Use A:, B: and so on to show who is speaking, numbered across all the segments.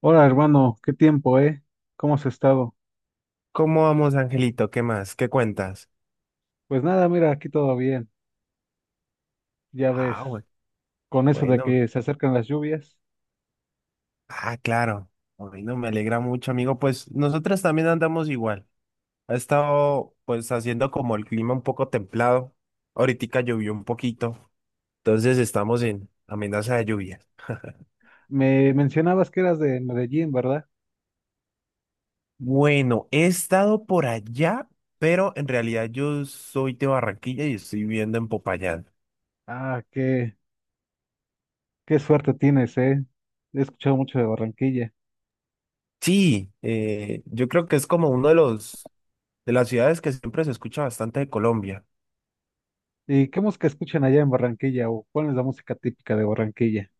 A: Hola hermano, qué tiempo, ¿eh? ¿Cómo has estado?
B: ¿Cómo vamos, Angelito? ¿Qué más? ¿Qué cuentas?
A: Pues nada, mira, aquí todo bien, ya ves,
B: Ah,
A: con eso de
B: bueno.
A: que se acercan las lluvias.
B: Ah, claro. Bueno, me alegra mucho, amigo. Pues nosotros también andamos igual. Ha estado, pues, haciendo como el clima un poco templado. Ahorita llovió un poquito. Entonces estamos en amenaza de lluvias.
A: Me mencionabas que eras de Medellín, ¿verdad?
B: Bueno, he estado por allá, pero en realidad yo soy de Barranquilla y estoy viviendo en Popayán.
A: Ah, qué, qué suerte tienes, ¿eh? He escuchado mucho de Barranquilla.
B: Sí, yo creo que es como uno de los, de las ciudades que siempre se escucha bastante de Colombia.
A: ¿Y qué música escuchan allá en Barranquilla? ¿O cuál es la música típica de Barranquilla?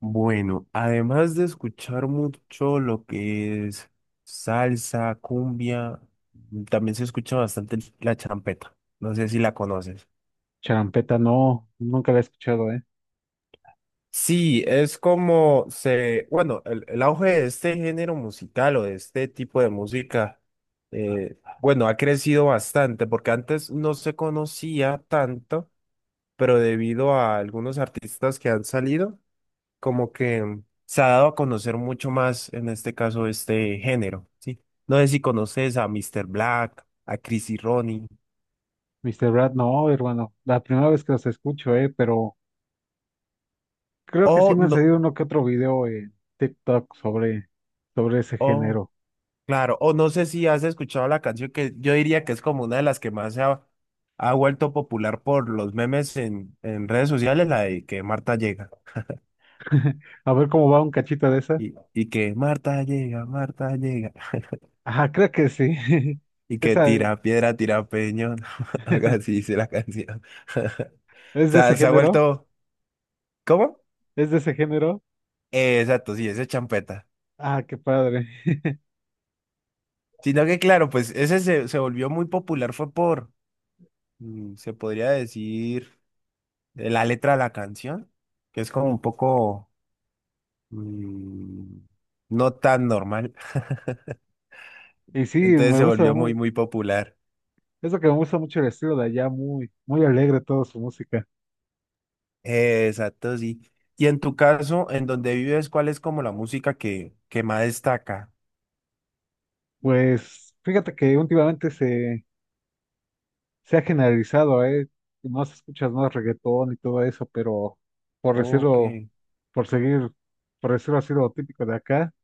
B: Bueno, además de escuchar mucho lo que es salsa, cumbia, también se escucha bastante la champeta. No sé si la conoces.
A: Charampeta, no, nunca la he escuchado, ¿eh?
B: Sí, es como bueno, el auge de este género musical o de este tipo de música, bueno, ha crecido bastante porque antes no se conocía tanto, pero debido a algunos artistas que han salido como que se ha dado a conocer mucho más, en este caso, este género, ¿sí? No sé si conoces a Mr. Black, a Chris y Ronnie,
A: Mr. Brad, no, hermano, la primera vez que los escucho, ¿eh? Pero creo que
B: o
A: sí me han
B: no,
A: salido uno que otro video en TikTok sobre, sobre ese
B: o,
A: género.
B: claro, o no sé si has escuchado la canción que yo diría que es como una de las que más ha vuelto popular por los memes en redes sociales, la de que Marta llega.
A: A ver cómo va un cachito de esa.
B: Y que Marta llega, Marta llega.
A: Ajá, creo que sí.
B: Y que
A: Esa
B: tira piedra, tira peñón. Algo así dice la canción. O
A: es de ese
B: sea, se ha
A: género,
B: vuelto. ¿Cómo?
A: es de ese género.
B: Exacto, sí, ese es champeta.
A: Ah, qué padre.
B: Sino que, claro, pues ese se volvió muy popular, fue por, se podría decir, la letra de la canción, que es como un poco mm, no tan normal.
A: Y sí,
B: Entonces se volvió muy, muy popular.
A: es lo que me gusta mucho el estilo de allá, muy, muy alegre toda su música.
B: Exacto, sí. Y en tu caso, en donde vives, ¿cuál es como la música que más destaca?
A: Pues fíjate se ha generalizado, ¿eh? Más escuchas más reggaetón y todo eso, pero por
B: Ok,
A: decirlo, por seguir, por decirlo así lo típico de acá,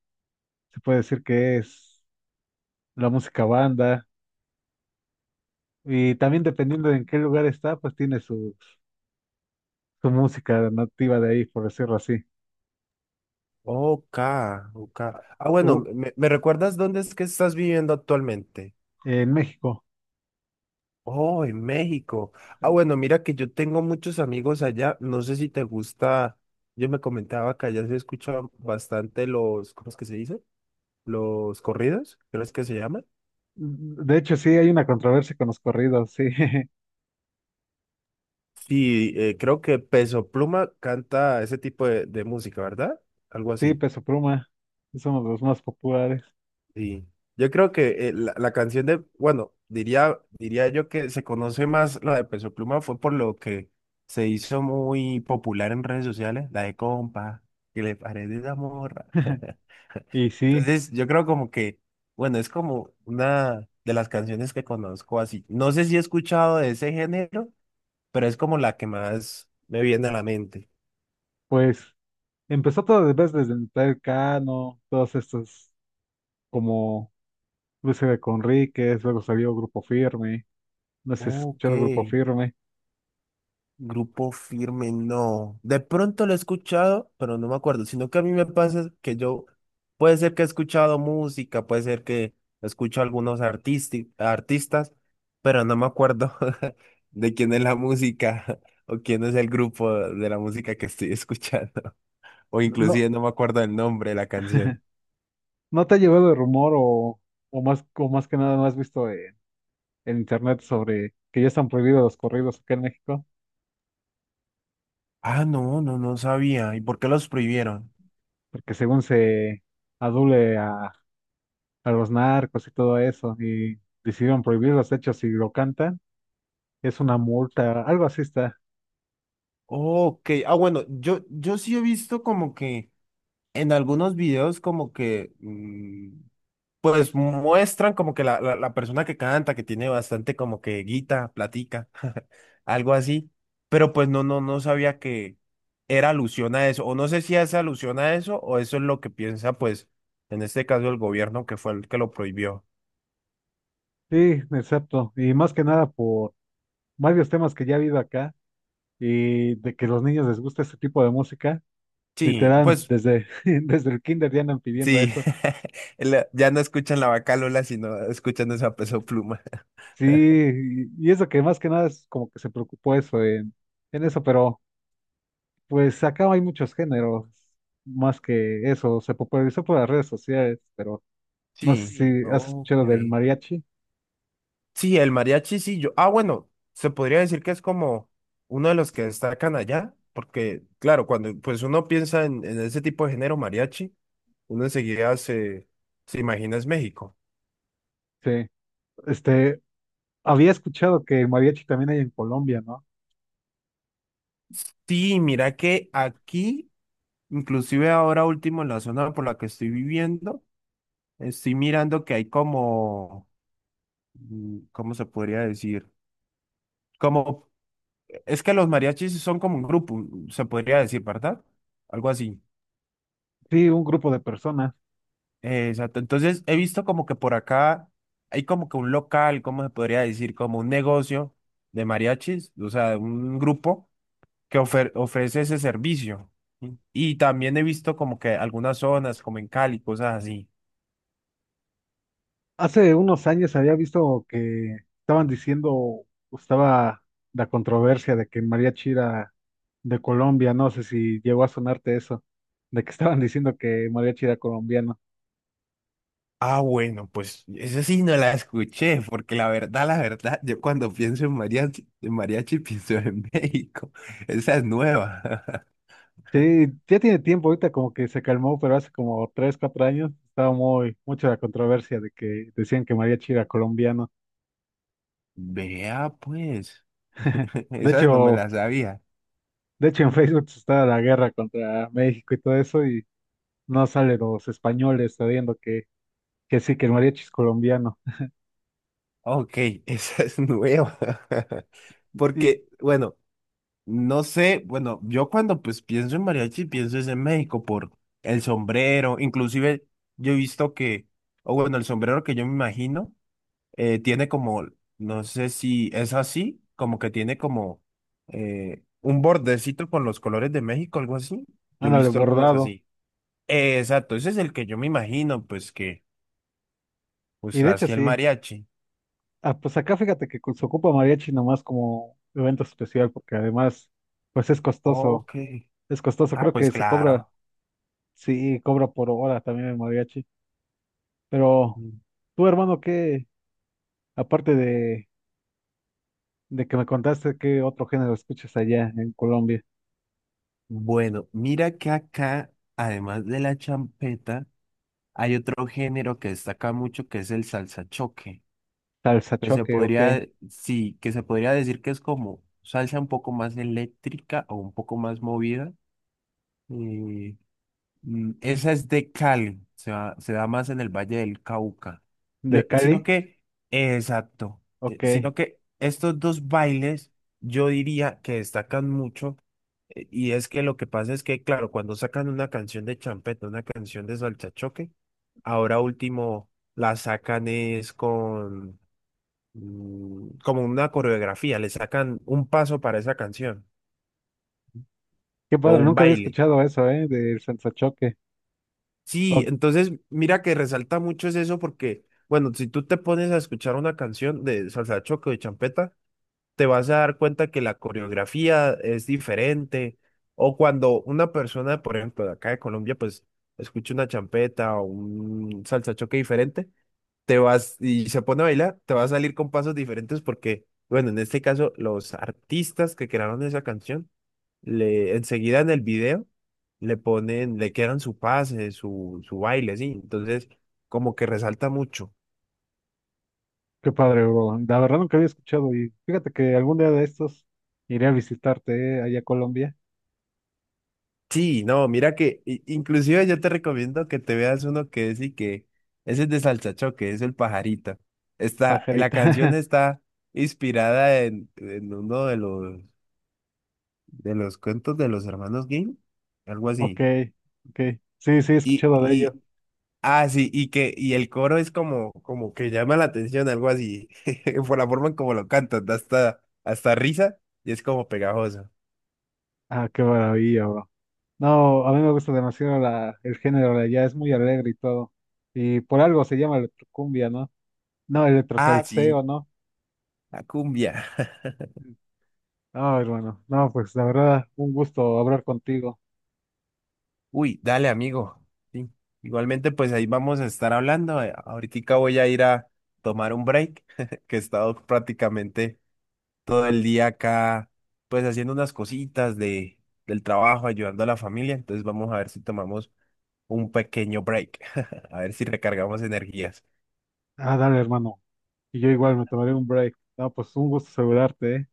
A: se puede decir que es la música banda. Y también dependiendo de en qué lugar está, pues tiene su música nativa de ahí, por decirlo así.
B: ok, ok. Ah, bueno,
A: U-
B: ¿me recuerdas dónde es que estás viviendo actualmente?
A: en México.
B: Oh, en México. Ah, bueno, mira que yo tengo muchos amigos allá. No sé si te gusta. Yo me comentaba que allá se escuchaban bastante los, ¿cómo es que se dice? Los corridos, creo es que se llaman?
A: De hecho, sí, hay una controversia con los corridos, sí.
B: Sí, creo que Peso Pluma canta ese tipo de música, ¿verdad? Algo
A: Sí,
B: así.
A: Peso Pluma es uno de los más populares.
B: Sí, yo creo que la canción de, bueno, diría yo que se conoce más la de Peso Pluma fue por lo que se hizo muy popular en redes sociales, la de compa, que le parece esa morra.
A: Y sí,
B: Entonces, yo creo como que, bueno, es como una de las canciones que conozco así. No sé si he escuchado de ese género, pero es como la que más me viene a la mente.
A: pues empezó todo de vez desde el Cano, todos estos como Luis de Conríquez, luego salió Grupo Firme, no sé si has
B: Ok.
A: escuchado Grupo Firme.
B: Grupo Firme, no. De pronto lo he escuchado, pero no me acuerdo. Sino que a mí me pasa que yo, puede ser que he escuchado música, puede ser que escucho algunos artistas, pero no me acuerdo de quién es la música o quién es el grupo de la música que estoy escuchando. O
A: ¿No,
B: inclusive no me acuerdo del nombre de la canción.
A: no te ha llevado el rumor o más que nada no has visto en internet sobre que ya están prohibidos los corridos acá en México,
B: Ah, no sabía. ¿Y por qué los prohibieron?
A: porque según se adule a, a los narcos y todo eso, y decidieron prohibir los hechos si lo cantan, es una multa, algo así está.
B: Ok, ah, bueno, yo sí he visto como que en algunos videos como que pues muestran como que la, la persona que canta, que tiene bastante como que guita, platica, algo así, pero pues no sabía que era alusión a eso, o no sé si es alusión a eso, o eso es lo que piensa, pues, en este caso el gobierno que fue el que lo prohibió.
A: Sí, exacto. Y más que nada por varios temas que ya ha habido acá y de que a los niños les gusta este tipo de música,
B: Sí,
A: literal,
B: pues,
A: desde el kinder ya andan pidiendo
B: sí,
A: eso.
B: ya no escuchan la vaca Lola, sino escuchan esa Peso Pluma.
A: Sí, y eso que más que nada es como que se preocupó en eso, pero... Pues acá hay muchos géneros, más que eso, se popularizó por las redes sociales, pero no sé.
B: Sí,
A: Sí, si has
B: ok.
A: escuchado del mariachi.
B: Sí, el mariachi, sí, yo. Ah, bueno, se podría decir que es como uno de los que destacan allá, porque, claro, cuando pues uno piensa en ese tipo de género mariachi, uno enseguida se imagina es México.
A: Sí, este, había escuchado que el mariachi también hay en Colombia, ¿no?
B: Sí, mira que aquí, inclusive ahora último en la zona por la que estoy viviendo, estoy mirando que hay como, ¿cómo se podría decir? Como, es que los mariachis son como un grupo, se podría decir, ¿verdad? Algo así.
A: Sí, un grupo de personas.
B: Exacto. Entonces he visto como que por acá hay como que un local, ¿cómo se podría decir? Como un negocio de mariachis, o sea, un grupo que ofrece ese servicio. ¿Sí? Y también he visto como que algunas zonas, como en Cali, cosas así.
A: Hace unos años había visto que estaban diciendo, estaba la controversia de que mariachi era de Colombia, no sé si llegó a sonarte eso, de que estaban diciendo que mariachi era colombiano.
B: Ah, bueno, pues eso sí no la escuché, porque la verdad, yo cuando pienso en mariachi pienso en México. Esa es nueva.
A: Sí, ya tiene tiempo, ahorita como que se calmó, pero hace como tres, cuatro años estaba muy, mucha la controversia de que decían que mariachi era colombiano.
B: Vea, pues,
A: De
B: esas no me
A: hecho,
B: las sabía.
A: de hecho en Facebook estaba la guerra contra México y todo eso, y no salen los españoles sabiendo que sí, que el mariachi es colombiano.
B: Ok, esa es nueva.
A: Y,
B: Porque, bueno, no sé, bueno, yo cuando pues pienso en mariachi, pienso es en México por el sombrero, inclusive yo he visto que, o bueno, el sombrero que yo me imagino, tiene como, no sé si es así, como que tiene como un bordecito con los colores de México, algo así. Yo he
A: ándale,
B: visto algunos
A: bordado.
B: así. Exacto, ese es el que yo me imagino, pues que,
A: Y
B: pues
A: de hecho
B: así el
A: sí.
B: mariachi.
A: Ah, pues acá fíjate que se ocupa mariachi nomás como evento especial, porque además, pues es costoso.
B: Ok.
A: Es costoso,
B: Ah,
A: creo
B: pues
A: que se cobra,
B: claro.
A: sí, cobra por hora también el mariachi. Pero
B: Mm.
A: tú, hermano, ¿qué, aparte de que me contaste, qué otro género escuchas allá en Colombia?
B: Bueno, mira que acá, además de la champeta, hay otro género que destaca mucho que es el salsa choque,
A: Salsa
B: que se
A: choque, ok.
B: podría, sí, que se podría decir que es como salsa un poco más eléctrica o un poco más movida. eh, Esa es de Cali, se se da más en el Valle del Cauca.
A: ¿De
B: Sino
A: Cali?
B: que, exacto,
A: Ok.
B: sino
A: Qué
B: que estos dos bailes yo diría que destacan mucho. Y es que lo que pasa es que, claro, cuando sacan una canción de champeta, una canción de salchachoque, ahora último la sacan es con como una coreografía, le sacan un paso para esa canción o
A: padre,
B: un
A: nunca había
B: baile.
A: escuchado eso, ¿eh? Del salsa choque.
B: Sí, entonces mira que resalta mucho es eso porque, bueno, si tú te pones a escuchar una canción de salsa choque o de champeta, te vas a dar cuenta que la coreografía es diferente. O cuando una persona, por ejemplo, de acá de Colombia, pues escucha una champeta o un salsachoque diferente, te vas y se pone a bailar, te va a salir con pasos diferentes porque, bueno, en este caso, los artistas que crearon esa canción, le, enseguida en el video, le ponen, le quedan su pase, su baile, sí. Entonces, como que resalta mucho.
A: Qué padre, bro. La verdad nunca había escuchado y fíjate que algún día de estos iré a visitarte, allá a Colombia,
B: Sí, no, mira que inclusive yo te recomiendo que te veas uno que es y que ese es de Salsachoque, es el pajarito. Está, la
A: pajarita.
B: canción está inspirada en uno de los cuentos de los hermanos Grimm, algo
A: Ok,
B: así.
A: ok. Sí, sí, he
B: Y,
A: escuchado de ello.
B: y, ah, sí, y el coro es como, como que llama la atención, algo así, por la forma en como lo cantan, da hasta, hasta risa y es como pegajoso.
A: Ah, qué maravilla, bro. No, a mí me gusta demasiado la, el género de allá, es muy alegre y todo. Y por algo se llama electrocumbia, ¿no? No,
B: Ah, sí,
A: electrosalseo, ¿no?
B: la cumbia.
A: No, hermano. No, pues la verdad, un gusto hablar contigo.
B: Uy, dale, amigo. Sí. Igualmente, pues ahí vamos a estar hablando. Ahoritica voy a ir a tomar un break, que he estado prácticamente todo el día acá, pues haciendo unas cositas de, del trabajo, ayudando a la familia. Entonces vamos a ver si tomamos un pequeño break, a ver si recargamos energías.
A: Ah, dale, hermano. Y yo igual me tomaré un break. No, pues un gusto saludarte, ¿eh?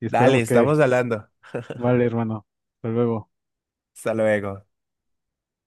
A: Y
B: Dale,
A: esperemos que
B: estamos hablando.
A: vale, hermano. Hasta luego.
B: Hasta luego.